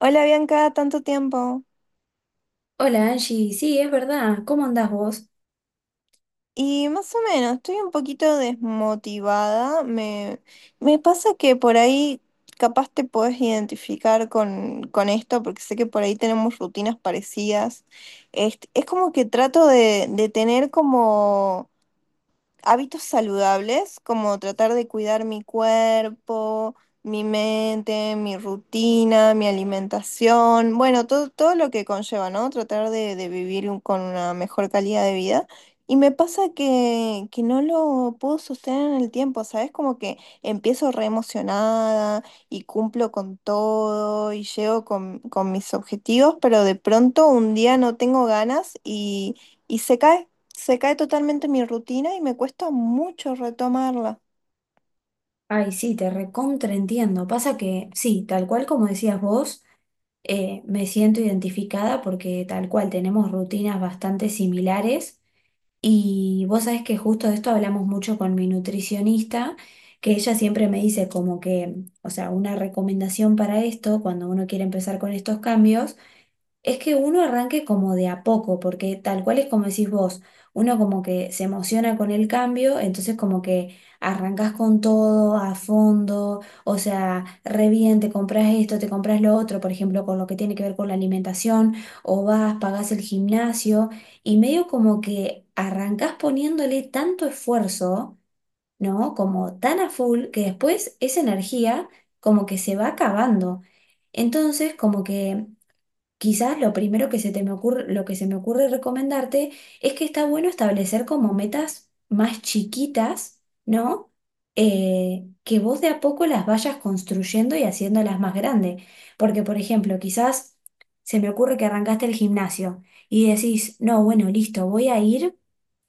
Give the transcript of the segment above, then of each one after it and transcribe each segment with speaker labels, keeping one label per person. Speaker 1: Hola Bianca, tanto tiempo.
Speaker 2: Hola Angie, sí, es verdad, ¿cómo andás vos?
Speaker 1: Y más o menos, estoy un poquito desmotivada. Me pasa que por ahí capaz te podés identificar con esto, porque sé que por ahí tenemos rutinas parecidas. Es como que trato de tener como hábitos saludables, como tratar de cuidar mi cuerpo, mi mente, mi rutina, mi alimentación, bueno, todo lo que conlleva, ¿no? Tratar de vivir con una mejor calidad de vida. Y me pasa que no lo puedo sostener en el tiempo, ¿sabes? Como que empiezo re emocionada y cumplo con todo y llego con mis objetivos, pero de pronto un día no tengo ganas y se cae. Se cae totalmente mi rutina y me cuesta mucho retomarla.
Speaker 2: Ay, sí, te recontra entiendo. Pasa que, sí, tal cual como decías vos, me siento identificada porque tal cual tenemos rutinas bastante similares y vos sabés que justo de esto hablamos mucho con mi nutricionista, que ella siempre me dice como que, o sea, una recomendación para esto, cuando uno quiere empezar con estos cambios. Es que uno arranque como de a poco, porque tal cual es como decís vos, uno como que se emociona con el cambio, entonces como que arrancas con todo a fondo, o sea, re bien, te compras esto, te compras lo otro, por ejemplo, con lo que tiene que ver con la alimentación, o vas, pagás el gimnasio, y medio como que arrancas poniéndole tanto esfuerzo, ¿no? Como tan a full, que después esa energía como que se va acabando. Entonces, como que quizás lo primero que se me ocurre recomendarte es que está bueno establecer como metas más chiquitas, ¿no? Que vos de a poco las vayas construyendo y haciéndolas más grandes. Porque, por ejemplo, quizás se me ocurre que arrancaste el gimnasio y decís, no, bueno, listo, voy a ir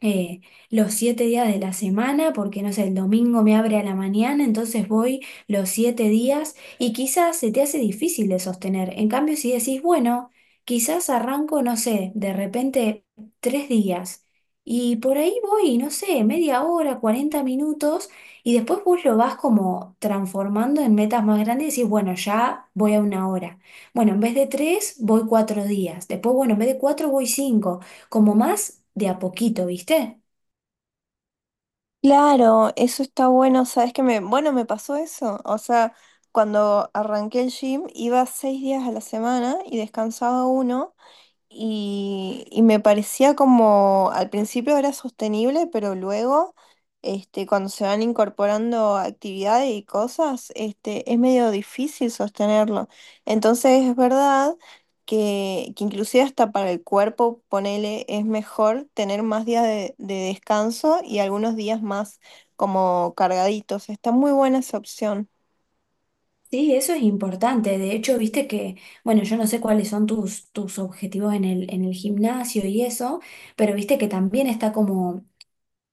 Speaker 2: eh, los siete días de la semana, porque no sé, el domingo me abre a la mañana, entonces voy los 7 días y quizás se te hace difícil de sostener. En cambio, si decís, bueno, quizás arranco, no sé, de repente 3 días y por ahí voy, no sé, media hora, 40 minutos, y después vos lo vas como transformando en metas más grandes y decís, bueno, ya voy a una hora. Bueno, en vez de tres, voy 4 días. Después, bueno, en vez de cuatro, voy cinco, como más de a poquito, ¿viste?
Speaker 1: Claro, eso está bueno. ¿Sabes que me, bueno, me pasó eso? O sea, cuando arranqué el gym iba 6 días a la semana y descansaba uno. Y me parecía como al principio era sostenible, pero luego, cuando se van incorporando actividades y cosas, es medio difícil sostenerlo. Entonces es verdad que inclusive hasta para el cuerpo, ponele, es mejor tener más días de descanso y algunos días más como cargaditos. Está muy buena esa opción.
Speaker 2: Sí, eso es importante. De hecho, viste que, bueno, yo no sé cuáles son tus objetivos en el gimnasio y eso, pero viste que también está como,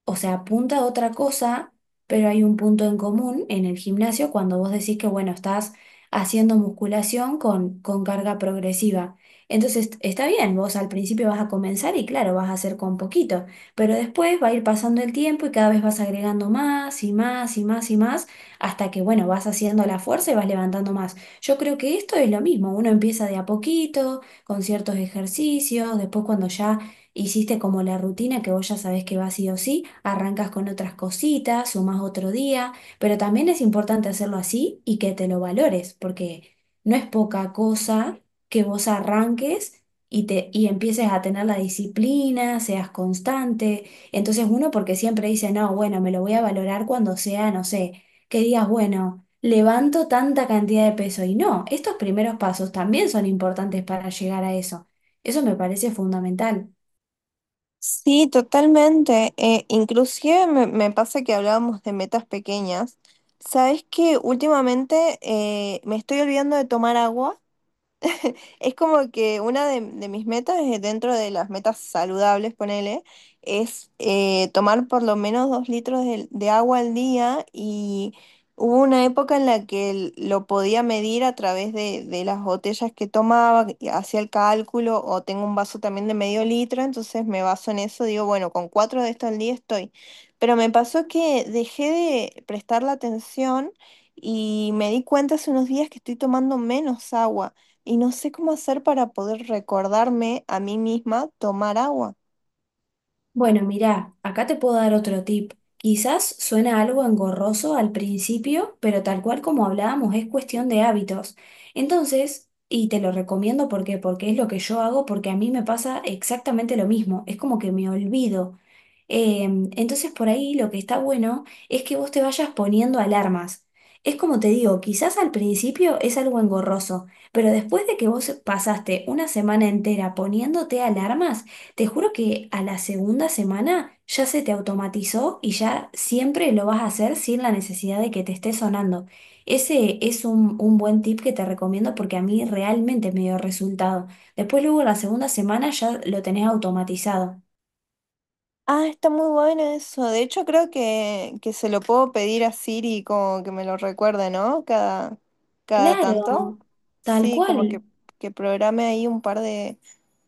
Speaker 2: o sea, apunta a otra cosa, pero hay un punto en común en el gimnasio cuando vos decís que, bueno, estás haciendo musculación con carga progresiva. Entonces, está bien, vos al principio vas a comenzar y claro, vas a hacer con poquito, pero después va a ir pasando el tiempo y cada vez vas agregando más y más y más y más hasta que, bueno, vas haciendo la fuerza y vas levantando más. Yo creo que esto es lo mismo, uno empieza de a poquito, con ciertos ejercicios, después cuando ya hiciste como la rutina que vos ya sabés que va sí o sí, arrancas con otras cositas, sumás otro día, pero también es importante hacerlo así y que te lo valores, porque no es poca cosa que vos arranques y empieces a tener la disciplina, seas constante. Entonces uno porque siempre dice, no, bueno, me lo voy a valorar cuando sea, no sé, que digas, bueno, levanto tanta cantidad de peso. Y no, estos primeros pasos también son importantes para llegar a eso. Eso me parece fundamental.
Speaker 1: Sí, totalmente. Inclusive me pasa que hablábamos de metas pequeñas. Sabes que últimamente me estoy olvidando de tomar agua. Es como que una de mis metas, dentro de las metas saludables, ponele, es tomar por lo menos 2 litros de agua al día. Y hubo una época en la que lo podía medir a través de las botellas que tomaba, y hacía el cálculo, o tengo un vaso también de medio litro, entonces me baso en eso, digo, bueno, con cuatro de esto al día estoy. Pero me pasó que dejé de prestar la atención y me di cuenta hace unos días que estoy tomando menos agua. Y no sé cómo hacer para poder recordarme a mí misma tomar agua.
Speaker 2: Bueno, mirá, acá te puedo dar otro tip. Quizás suena algo engorroso al principio, pero tal cual como hablábamos, es cuestión de hábitos. Entonces, y te lo recomiendo porque es lo que yo hago, porque a mí me pasa exactamente lo mismo. Es como que me olvido. Entonces, por ahí lo que está bueno es que vos te vayas poniendo alarmas. Es como te digo, quizás al principio es algo engorroso, pero después de que vos pasaste una semana entera poniéndote alarmas, te juro que a la segunda semana ya se te automatizó y ya siempre lo vas a hacer sin la necesidad de que te esté sonando. Ese es un buen tip que te recomiendo porque a mí realmente me dio resultado. Después luego la segunda semana ya lo tenés automatizado.
Speaker 1: Ah, está muy bueno eso. De hecho, creo que se lo puedo pedir a Siri como que me lo recuerde, ¿no? Cada, cada tanto.
Speaker 2: Claro, tal
Speaker 1: Sí, como que,
Speaker 2: cual.
Speaker 1: que programe ahí un par de,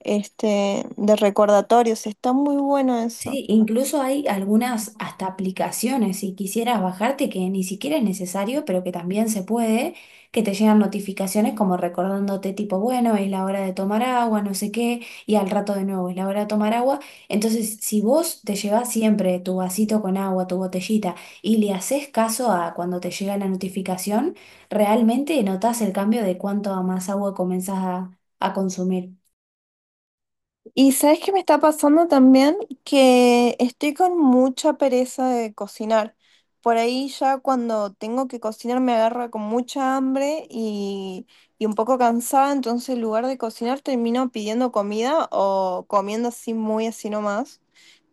Speaker 1: este, de recordatorios. Está muy bueno eso.
Speaker 2: Sí, incluso hay algunas hasta aplicaciones, si quisieras bajarte, que ni siquiera es necesario, pero que también se puede, que te llegan notificaciones como recordándote tipo, bueno, es la hora de tomar agua, no sé qué, y al rato de nuevo es la hora de tomar agua. Entonces, si vos te llevas siempre tu vasito con agua, tu botellita, y le haces caso a cuando te llega la notificación, realmente notás el cambio de cuánto más agua comenzás a consumir.
Speaker 1: Y sabes qué me está pasando también, que estoy con mucha pereza de cocinar. Por ahí ya cuando tengo que cocinar me agarra con mucha hambre y un poco cansada, entonces en lugar de cocinar termino pidiendo comida o comiendo así muy así nomás.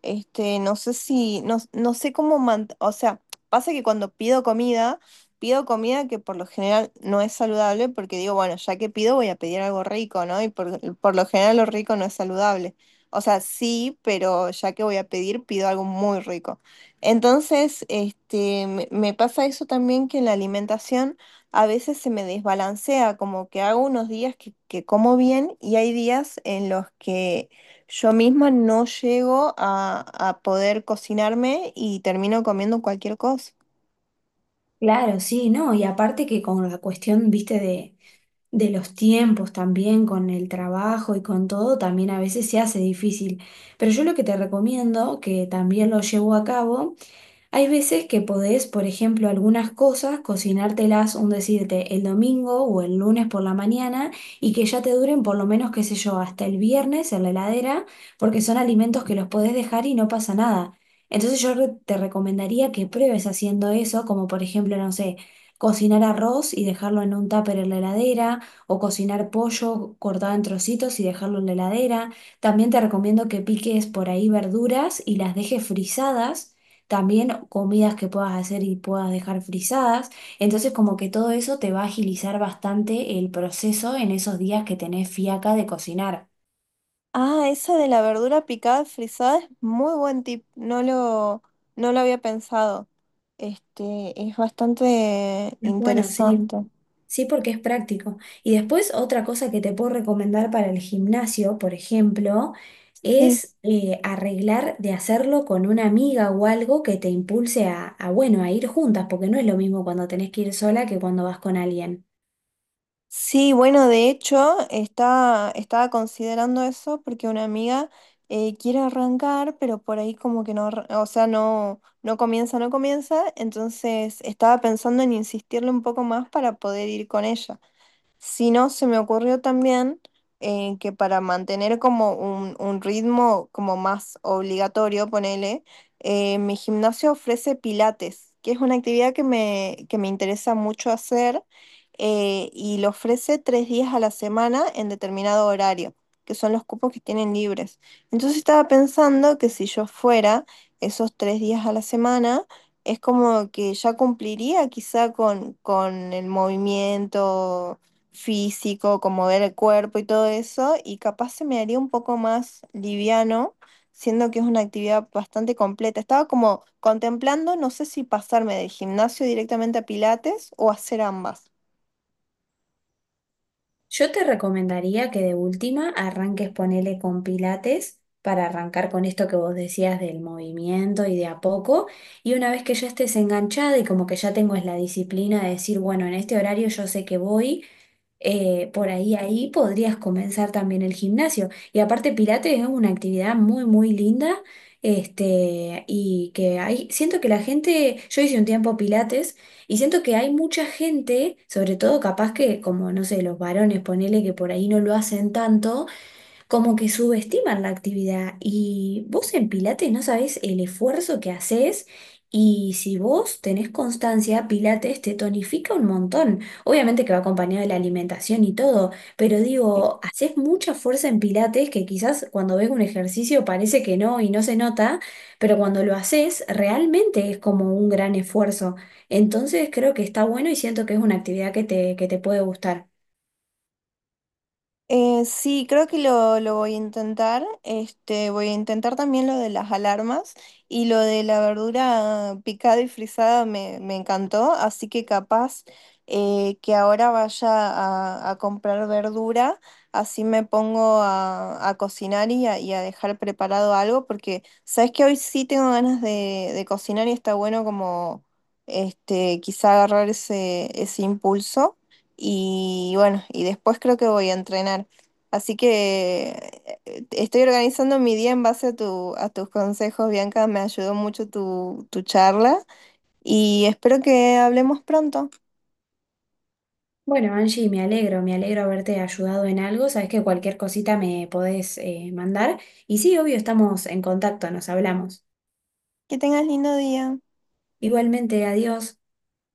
Speaker 1: No sé si, no sé cómo, o sea, pasa que cuando pido comida, pido comida que por lo general no es saludable, porque digo, bueno, ya que pido voy a pedir algo rico, ¿no? Y por lo general lo rico no es saludable. O sea, sí, pero ya que voy a pedir, pido algo muy rico. Entonces, me pasa eso también, que en la alimentación a veces se me desbalancea, como que hago unos días que como bien y hay días en los que yo misma no llego a poder cocinarme y termino comiendo cualquier cosa.
Speaker 2: Claro, sí, no, y aparte que con la cuestión, viste, de los tiempos también, con el trabajo y con todo, también a veces se hace difícil. Pero yo lo que te recomiendo, que también lo llevo a cabo, hay veces que podés, por ejemplo, algunas cosas, cocinártelas, un decirte, el domingo o el lunes por la mañana, y que ya te duren por lo menos, qué sé yo, hasta el viernes en la heladera, porque son alimentos que los podés dejar y no pasa nada. Entonces yo te recomendaría que pruebes haciendo eso, como por ejemplo, no sé, cocinar arroz y dejarlo en un tupper en la heladera, o cocinar pollo cortado en trocitos y dejarlo en la heladera. También te recomiendo que piques por ahí verduras y las dejes frisadas, también comidas que puedas hacer y puedas dejar frisadas. Entonces como que todo eso te va a agilizar bastante el proceso en esos días que tenés fiaca de cocinar.
Speaker 1: Ah, esa de la verdura picada frisada es muy buen tip. No lo había pensado. Es bastante
Speaker 2: Es bueno, sí.
Speaker 1: interesante.
Speaker 2: Sí, porque es práctico. Y después otra cosa que te puedo recomendar para el gimnasio, por ejemplo,
Speaker 1: Sí.
Speaker 2: es arreglar de hacerlo con una amiga o algo que te impulse bueno, a ir juntas, porque no es lo mismo cuando tenés que ir sola que cuando vas con alguien.
Speaker 1: Sí, bueno, de hecho, estaba considerando eso porque una amiga quiere arrancar, pero por ahí como que no, o sea, no, no comienza, no comienza. Entonces estaba pensando en insistirle un poco más para poder ir con ella. Si no, se me ocurrió también que para mantener como un ritmo como más obligatorio, ponele, mi gimnasio ofrece pilates, que es una actividad que me interesa mucho hacer, y lo ofrece 3 días a la semana en determinado horario, que son los cupos que tienen libres. Entonces estaba pensando que si yo fuera esos 3 días a la semana, es como que ya cumpliría quizá con el movimiento físico, como ver el cuerpo y todo eso, y capaz se me haría un poco más liviano, siendo que es una actividad bastante completa. Estaba como contemplando, no sé si pasarme del gimnasio directamente a Pilates o hacer ambas.
Speaker 2: Yo te recomendaría que de última arranques ponele con pilates para arrancar con esto que vos decías del movimiento y de a poco. Y una vez que ya estés enganchada y como que ya tengo es la disciplina de decir, bueno, en este horario yo sé que voy, ahí podrías comenzar también el gimnasio. Y aparte, Pilates es una actividad muy, muy linda. Este, y que hay, siento que la gente, yo hice un tiempo Pilates y siento que hay mucha gente, sobre todo capaz que, como no sé, los varones, ponele que por ahí no lo hacen tanto, como que subestiman la actividad y vos en Pilates no sabés el esfuerzo que haces, y si vos tenés constancia, Pilates te tonifica un montón. Obviamente que va acompañado de la alimentación y todo, pero digo, haces mucha fuerza en Pilates que quizás cuando ves un ejercicio parece que no y no se nota, pero cuando lo haces realmente es como un gran esfuerzo. Entonces creo que está bueno y siento que es una actividad que te puede gustar.
Speaker 1: Sí, creo que lo voy a intentar. Voy a intentar también lo de las alarmas, y lo de la verdura picada y frisada me encantó, así que capaz que ahora vaya a comprar verdura, así me pongo a cocinar y a dejar preparado algo, porque sabes que hoy sí tengo ganas de cocinar y está bueno como quizá agarrar ese impulso. Y bueno, y después creo que voy a entrenar. Así que estoy organizando mi día en base a tus consejos, Bianca. Me ayudó mucho tu charla y espero que hablemos pronto.
Speaker 2: Bueno, Angie, me alegro haberte ayudado en algo. Sabes que cualquier cosita me podés mandar. Y sí, obvio, estamos en contacto, nos hablamos.
Speaker 1: Que tengas lindo día.
Speaker 2: Igualmente, adiós.